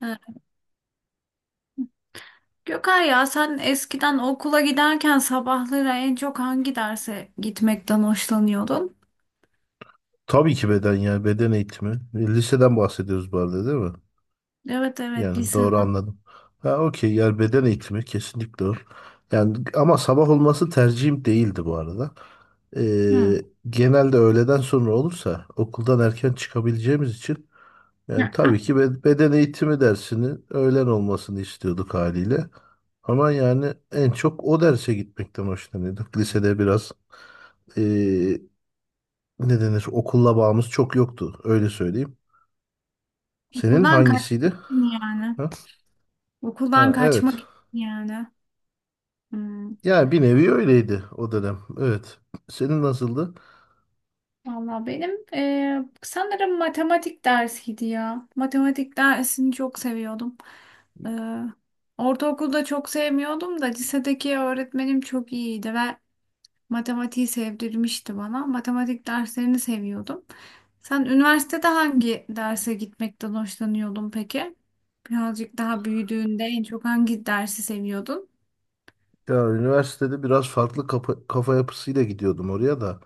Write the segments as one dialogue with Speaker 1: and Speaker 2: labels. Speaker 1: Ha, Gökay ya sen eskiden okula giderken sabahları en çok hangi derse gitmekten hoşlanıyordun?
Speaker 2: Tabii ki beden yani beden eğitimi. Liseden bahsediyoruz bu arada değil mi?
Speaker 1: Evet, evet,
Speaker 2: Yani doğru
Speaker 1: liseden.
Speaker 2: anladım. Ha, okey, yani beden eğitimi kesinlikle o. Yani ama sabah olması tercihim değildi bu arada.
Speaker 1: Hı.
Speaker 2: Ee, genelde öğleden sonra olursa okuldan erken çıkabileceğimiz için yani
Speaker 1: Ya,
Speaker 2: tabii ki beden eğitimi dersinin öğlen olmasını istiyorduk haliyle. Ama yani en çok o derse gitmekten hoşlanıyorduk. Lisede biraz ee, ne denir, okulla bağımız çok yoktu, öyle söyleyeyim. Senin
Speaker 1: okuldan kaçmak
Speaker 2: hangisiydi?
Speaker 1: için yani.
Speaker 2: Ha?
Speaker 1: Okuldan
Speaker 2: Ha, evet.
Speaker 1: kaçmak için yani. Hı.
Speaker 2: Yani bir nevi öyleydi o dönem. Evet. Senin nasıldı?
Speaker 1: Valla benim sanırım matematik dersiydi ya. Matematik dersini çok seviyordum. Eee Ortaokulda çok sevmiyordum da lisedeki öğretmenim çok iyiydi ve matematiği sevdirmişti bana. Matematik derslerini seviyordum. Sen üniversitede hangi derse gitmekten hoşlanıyordun peki? Birazcık daha büyüdüğünde en çok hangi dersi seviyordun?
Speaker 2: Ya, üniversitede biraz farklı kafa yapısıyla gidiyordum oraya da.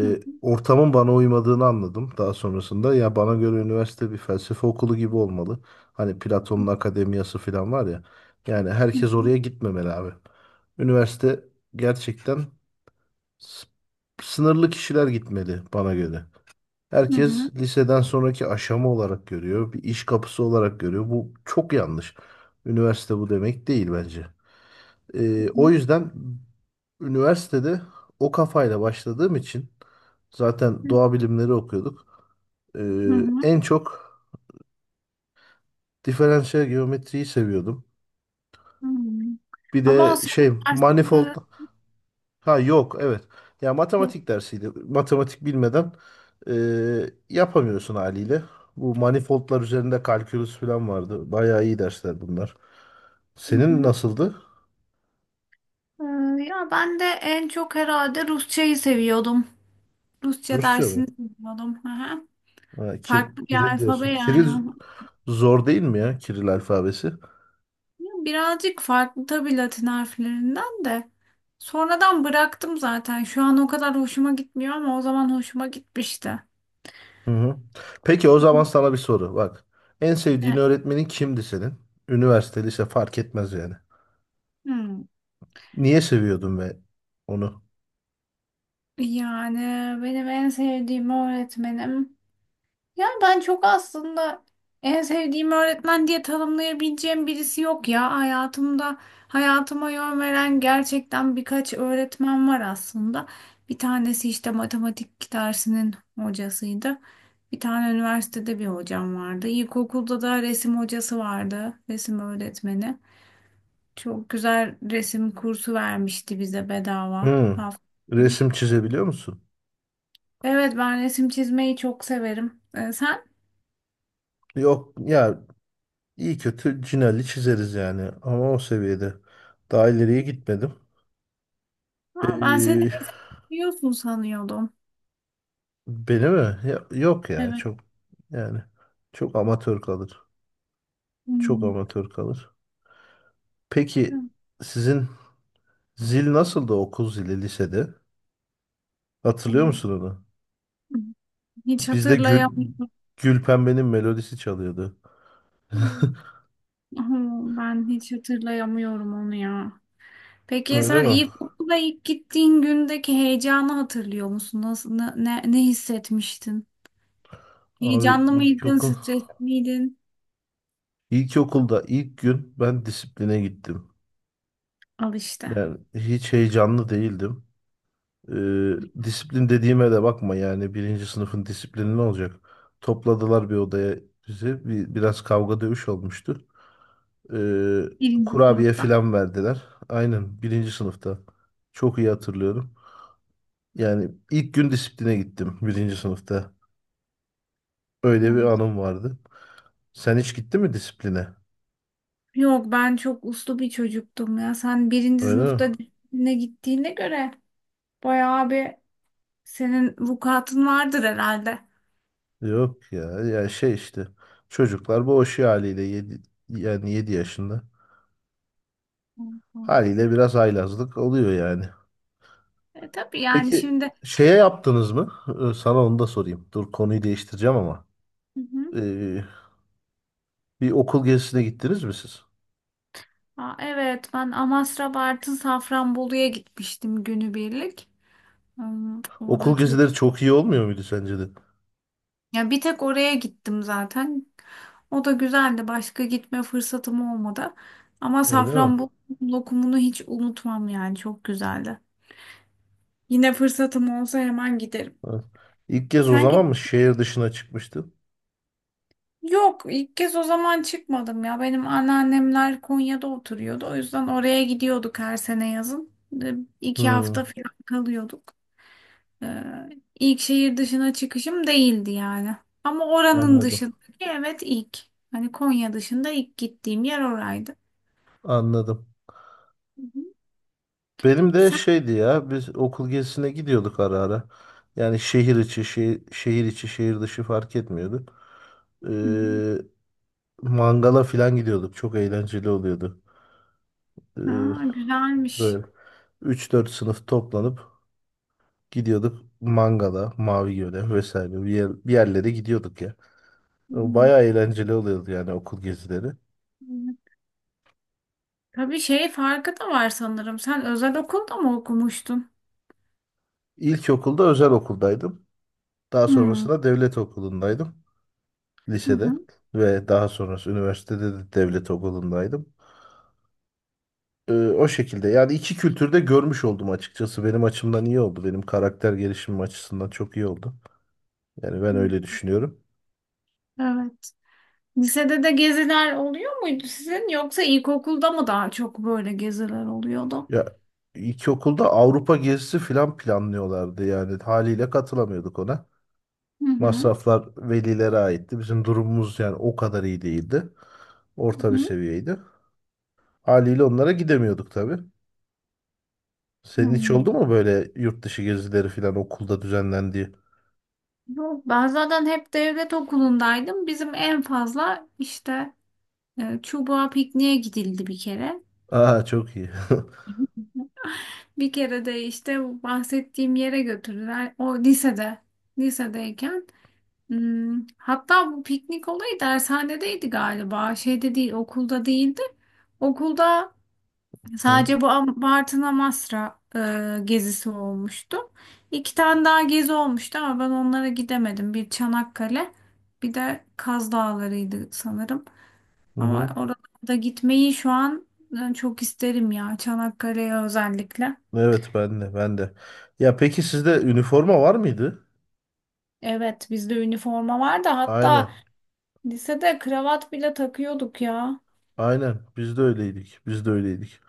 Speaker 1: Hı
Speaker 2: Ortamın bana uymadığını anladım daha sonrasında. Ya bana göre üniversite bir felsefe okulu gibi olmalı. Hani Platon'un akademiyası falan var ya. Yani herkes
Speaker 1: hı,
Speaker 2: oraya gitmemeli abi. Üniversite gerçekten s- sınırlı kişiler gitmeli bana göre.
Speaker 1: hı hı,
Speaker 2: Herkes
Speaker 1: hı
Speaker 2: liseden sonraki aşama olarak görüyor, bir iş kapısı olarak görüyor. Bu çok yanlış. Üniversite bu demek değil bence. O
Speaker 1: hı,
Speaker 2: yüzden üniversitede o kafayla başladığım için zaten doğa bilimleri okuyorduk.
Speaker 1: hı hı,
Speaker 2: En çok diferansiyel geometriyi seviyordum.
Speaker 1: hı.
Speaker 2: Bir
Speaker 1: Ama o
Speaker 2: de şey,
Speaker 1: senin
Speaker 2: manifold.
Speaker 1: derslerin
Speaker 2: Ha, yok, evet. Ya,
Speaker 1: yok.
Speaker 2: matematik dersiydi. Matematik bilmeden yapamıyorsun haliyle. Bu manifoldlar üzerinde kalkülüs falan vardı. Bayağı iyi dersler bunlar.
Speaker 1: Hı
Speaker 2: Senin
Speaker 1: hı.
Speaker 2: nasıldı?
Speaker 1: Ya ben de en çok herhalde Rusçayı seviyordum. Rusça
Speaker 2: Rusça mı?
Speaker 1: dersini seviyordum. Hı hı.
Speaker 2: Ha,
Speaker 1: Farklı bir
Speaker 2: Kiril
Speaker 1: alfabe
Speaker 2: diyorsun.
Speaker 1: yani.
Speaker 2: Kiril zor değil mi ya? Kiril alfabesi.
Speaker 1: Birazcık farklı tabii Latin harflerinden de. Sonradan bıraktım zaten. Şu an o kadar hoşuma gitmiyor ama o zaman hoşuma gitmişti.
Speaker 2: Hı hı. Peki o zaman sana bir soru. Bak. En sevdiğin
Speaker 1: Evet.
Speaker 2: öğretmenin kimdi senin? Üniversite, lise fark etmez yani.
Speaker 1: Hmm.
Speaker 2: Niye seviyordun ve onu?
Speaker 1: Yani benim en sevdiğim öğretmenim. Yani ben çok aslında en sevdiğim öğretmen diye tanımlayabileceğim birisi yok ya. Hayatımda hayatıma yön veren gerçekten birkaç öğretmen var aslında. Bir tanesi işte matematik dersinin hocasıydı. Bir tane üniversitede bir hocam vardı. İlkokulda da resim hocası vardı, resim öğretmeni. Çok güzel resim kursu vermişti bize bedava.
Speaker 2: Hı.
Speaker 1: Hafta-
Speaker 2: Resim çizebiliyor musun?
Speaker 1: Evet, ben resim çizmeyi çok severim. Sen...
Speaker 2: Yok ya, İyi kötü Cinelli çizeriz yani ama o seviyede. Daha ileriye gitmedim.
Speaker 1: Ha, ben seni
Speaker 2: Ee,
Speaker 1: eğitim biliyorsun sanıyordum.
Speaker 2: beni mi? Yok ya,
Speaker 1: Evet.
Speaker 2: çok yani çok amatör kalır. Çok
Speaker 1: Hmm.
Speaker 2: amatör kalır. Peki sizin zil nasıldı, okul zili, lisede? Hatırlıyor
Speaker 1: Hmm.
Speaker 2: musun onu?
Speaker 1: Hiç
Speaker 2: Bizde
Speaker 1: hatırlayamıyorum.
Speaker 2: Gülpembe'nin melodisi çalıyordu.
Speaker 1: Hmm. Ben hiç hatırlayamıyorum onu ya. Peki sen
Speaker 2: Öyle mi?
Speaker 1: ilkokula ilk gittiğin gündeki heyecanı hatırlıyor musun? Nasıl, ne, ne, ne hissetmiştin?
Speaker 2: Abi
Speaker 1: Heyecanlı mıydın, stresli miydin?
Speaker 2: ilkokulda ilk gün ben disipline gittim.
Speaker 1: Al işte.
Speaker 2: Yani hiç heyecanlı değildim. Ee, disiplin dediğime de bakma, yani birinci sınıfın disiplini ne olacak? Topladılar bir odaya bizi. Biraz kavga dövüş olmuştu. Ee,
Speaker 1: Birinci
Speaker 2: kurabiye
Speaker 1: sınıfta.
Speaker 2: filan verdiler. Aynen, birinci sınıfta. Çok iyi hatırlıyorum. Yani ilk gün disipline gittim birinci sınıfta. Öyle bir
Speaker 1: Evet.
Speaker 2: anım vardı. Sen hiç gittin mi disipline?
Speaker 1: Yok, ben çok uslu bir çocuktum ya. Sen birinci
Speaker 2: Öyle mi?
Speaker 1: sınıfta disipline gittiğine göre bayağı bir... Senin vukuatın vardır herhalde.
Speaker 2: Yok ya. Ya şey işte. Çocuklar boğuşuyor haliyle. Yani 7 yaşında.
Speaker 1: Hı hı.
Speaker 2: Haliyle biraz haylazlık oluyor yani.
Speaker 1: E, tabii yani
Speaker 2: Peki
Speaker 1: şimdi...
Speaker 2: şeye yaptınız mı? Sana onu da sorayım. Dur, konuyu değiştireceğim ama.
Speaker 1: Hı hı.
Speaker 2: Ee, bir okul gezisine gittiniz mi siz?
Speaker 1: Aa, evet, ben Amasra, Bartın, Safranbolu'ya gitmiştim günübirlik. Hmm,
Speaker 2: Okul
Speaker 1: orada çok...
Speaker 2: gezileri çok iyi olmuyor muydu sence de?
Speaker 1: Ya bir tek oraya gittim zaten. O da güzeldi. Başka gitme fırsatım olmadı. Ama
Speaker 2: Öyle mi?
Speaker 1: Safranbolu lokumunu hiç unutmam yani çok güzeldi. Yine fırsatım olsa hemen giderim.
Speaker 2: Evet. İlk kez o
Speaker 1: Sen
Speaker 2: zaman
Speaker 1: git...
Speaker 2: mı şehir dışına çıkmıştın?
Speaker 1: Yok, ilk kez o zaman çıkmadım ya. Benim anneannemler Konya'da oturuyordu. O yüzden oraya gidiyorduk her sene yazın. E, İki
Speaker 2: Hmm,
Speaker 1: hafta falan kalıyorduk. E, ilk şehir dışına çıkışım değildi yani. Ama oranın
Speaker 2: anladım.
Speaker 1: dışındaki evet ilk. Hani Konya dışında ilk gittiğim yer oraydı.
Speaker 2: Anladım.
Speaker 1: Hı hı.
Speaker 2: Benim de
Speaker 1: Sen...
Speaker 2: şeydi ya, biz okul gezisine gidiyorduk ara ara. Yani şehir içi, şehir içi, şehir dışı fark etmiyordu. Ee, mangala falan gidiyorduk. Çok eğlenceli oluyordu. Ee,
Speaker 1: Aa, güzelmiş.
Speaker 2: Böyle üç dört sınıf toplanıp gidiyorduk Mangala, Mavi Göl'e vesaire, bir yerlere gidiyorduk ya. O
Speaker 1: Hmm.
Speaker 2: bayağı eğlenceli oluyordu yani, okul gezileri.
Speaker 1: Tabii şey farkı da var sanırım. Sen özel okulda mı okumuştun?
Speaker 2: İlkokulda özel okuldaydım. Daha
Speaker 1: Hmm.
Speaker 2: sonrasında devlet okulundaydım
Speaker 1: Hı
Speaker 2: lisede
Speaker 1: hı.
Speaker 2: ve daha sonrası üniversitede de devlet okulundaydım. O şekilde yani iki kültürde görmüş oldum açıkçası. Benim açımdan iyi oldu. Benim karakter gelişimim açısından çok iyi oldu. Yani ben öyle düşünüyorum.
Speaker 1: Evet. Lisede de geziler oluyor muydu sizin yoksa ilkokulda mı daha çok böyle geziler oluyordu?
Speaker 2: Ya, ilkokulda Avrupa gezisi falan planlıyorlardı, yani haliyle katılamıyorduk ona.
Speaker 1: Hı hı.
Speaker 2: Masraflar velilere aitti. Bizim durumumuz yani o kadar iyi değildi.
Speaker 1: Hı
Speaker 2: Orta bir
Speaker 1: hı.
Speaker 2: seviyeydi. Haliyle onlara gidemiyorduk tabii. Senin hiç oldu
Speaker 1: Hmm.
Speaker 2: mu böyle yurt dışı gezileri falan, okulda düzenlendiği?
Speaker 1: Yok, ben zaten hep devlet okulundaydım. Bizim en fazla işte çubuğa pikniğe gidildi bir kere.
Speaker 2: Aa, çok iyi.
Speaker 1: Bir kere de işte bu bahsettiğim yere götürdüler. O lisede, lisedeyken. Hmm, hatta bu piknik olayı dershanedeydi galiba. Şeyde değil, okulda değildi. Okulda
Speaker 2: Hı
Speaker 1: sadece bu Am- Bartın Amasra gezisi olmuştu. İki tane daha gezi olmuştu ama ben onlara gidemedim. Bir Çanakkale, bir de Kaz Dağları'ydı sanırım.
Speaker 2: hı.
Speaker 1: Ama
Speaker 2: Hı.
Speaker 1: oralarda gitmeyi şu an çok isterim ya, Çanakkale'ye özellikle.
Speaker 2: Evet, ben de, ben de. Ya peki, sizde üniforma var mıydı?
Speaker 1: Evet, bizde üniforma vardı, hatta
Speaker 2: Aynen.
Speaker 1: lisede kravat bile takıyorduk ya.
Speaker 2: Aynen. Biz de öyleydik. Biz de öyleydik.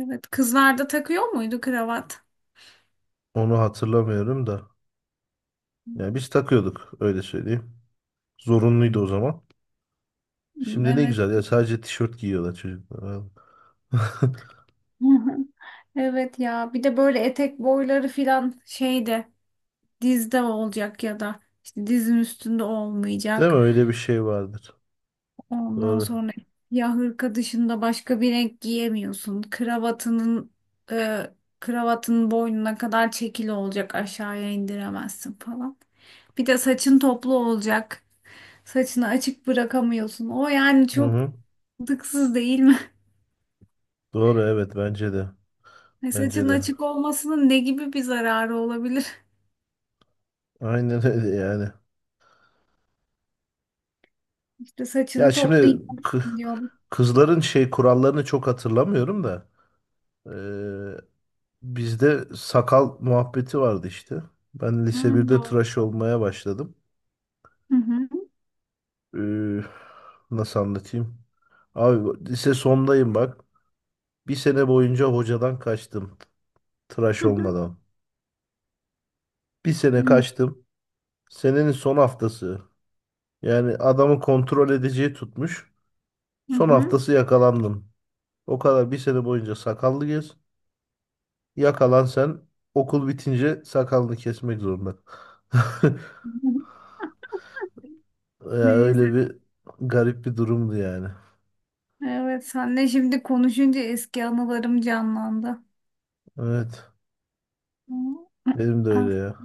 Speaker 1: Evet, kızlarda takıyor muydu kravat?
Speaker 2: Onu hatırlamıyorum da. Yani biz takıyorduk, öyle söyleyeyim. Zorunluydu o zaman. Şimdi ne
Speaker 1: Evet.
Speaker 2: güzel ya, sadece tişört giyiyorlar çocuklar. Vallahi.
Speaker 1: Evet ya, bir de böyle etek boyları filan şeyde dizde olacak ya da işte dizin üstünde
Speaker 2: Değil
Speaker 1: olmayacak.
Speaker 2: mi? Öyle bir şey vardır.
Speaker 1: Ondan
Speaker 2: Doğru.
Speaker 1: sonra ya hırka dışında başka bir renk giyemiyorsun. Kravatının e, kravatın boynuna kadar çekili olacak, aşağıya indiremezsin falan. Bir de saçın toplu olacak. Saçını açık bırakamıyorsun. O yani
Speaker 2: Hı
Speaker 1: çok
Speaker 2: hı.
Speaker 1: dıksız değil mi?
Speaker 2: Doğru, evet, bence de. Bence
Speaker 1: Saçın
Speaker 2: de.
Speaker 1: açık olmasının ne gibi bir zararı olabilir?
Speaker 2: Aynen öyle yani.
Speaker 1: İşte
Speaker 2: Ya
Speaker 1: saçını
Speaker 2: şimdi
Speaker 1: toplayacağım
Speaker 2: kı-
Speaker 1: diyor.
Speaker 2: kızların şey kurallarını çok hatırlamıyorum da. eee, bizde sakal muhabbeti vardı işte. Ben lise
Speaker 1: Hmm,
Speaker 2: birde
Speaker 1: doğru.
Speaker 2: tıraş olmaya başladım.
Speaker 1: Hı hı.
Speaker 2: Eee, nasıl anlatayım? Abi lise sondayım bak. Bir sene boyunca hocadan kaçtım. Tıraş olmadan. Bir
Speaker 1: Hı
Speaker 2: sene
Speaker 1: hı.
Speaker 2: kaçtım. Senenin son haftası. Yani adamı kontrol edeceği tutmuş.
Speaker 1: Hı
Speaker 2: Son
Speaker 1: hı.
Speaker 2: haftası yakalandım. O kadar bir sene boyunca sakallı gez. Yakalan sen, okul bitince sakalını kesmek zorunda.
Speaker 1: Hı hı.
Speaker 2: Ya öyle
Speaker 1: Neyse.
Speaker 2: bir garip bir durumdu yani.
Speaker 1: Evet, senle şimdi konuşunca eski anılarım canlandı.
Speaker 2: Evet.
Speaker 1: Hı.
Speaker 2: Benim de
Speaker 1: Ah,
Speaker 2: öyle ya.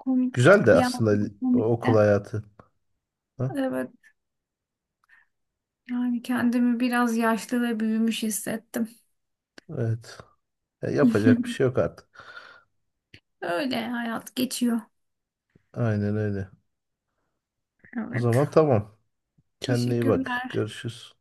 Speaker 1: komik
Speaker 2: Güzel de
Speaker 1: ya,
Speaker 2: aslında o
Speaker 1: komik de.
Speaker 2: okul hayatı. Ha?
Speaker 1: Evet. Yani kendimi biraz yaşlı ve büyümüş hissettim.
Speaker 2: Evet. Ya yapacak bir şey yok artık.
Speaker 1: Öyle hayat geçiyor.
Speaker 2: Aynen öyle. O
Speaker 1: Evet.
Speaker 2: zaman tamam. Kendine iyi bak.
Speaker 1: Teşekkürler.
Speaker 2: Görüşürüz.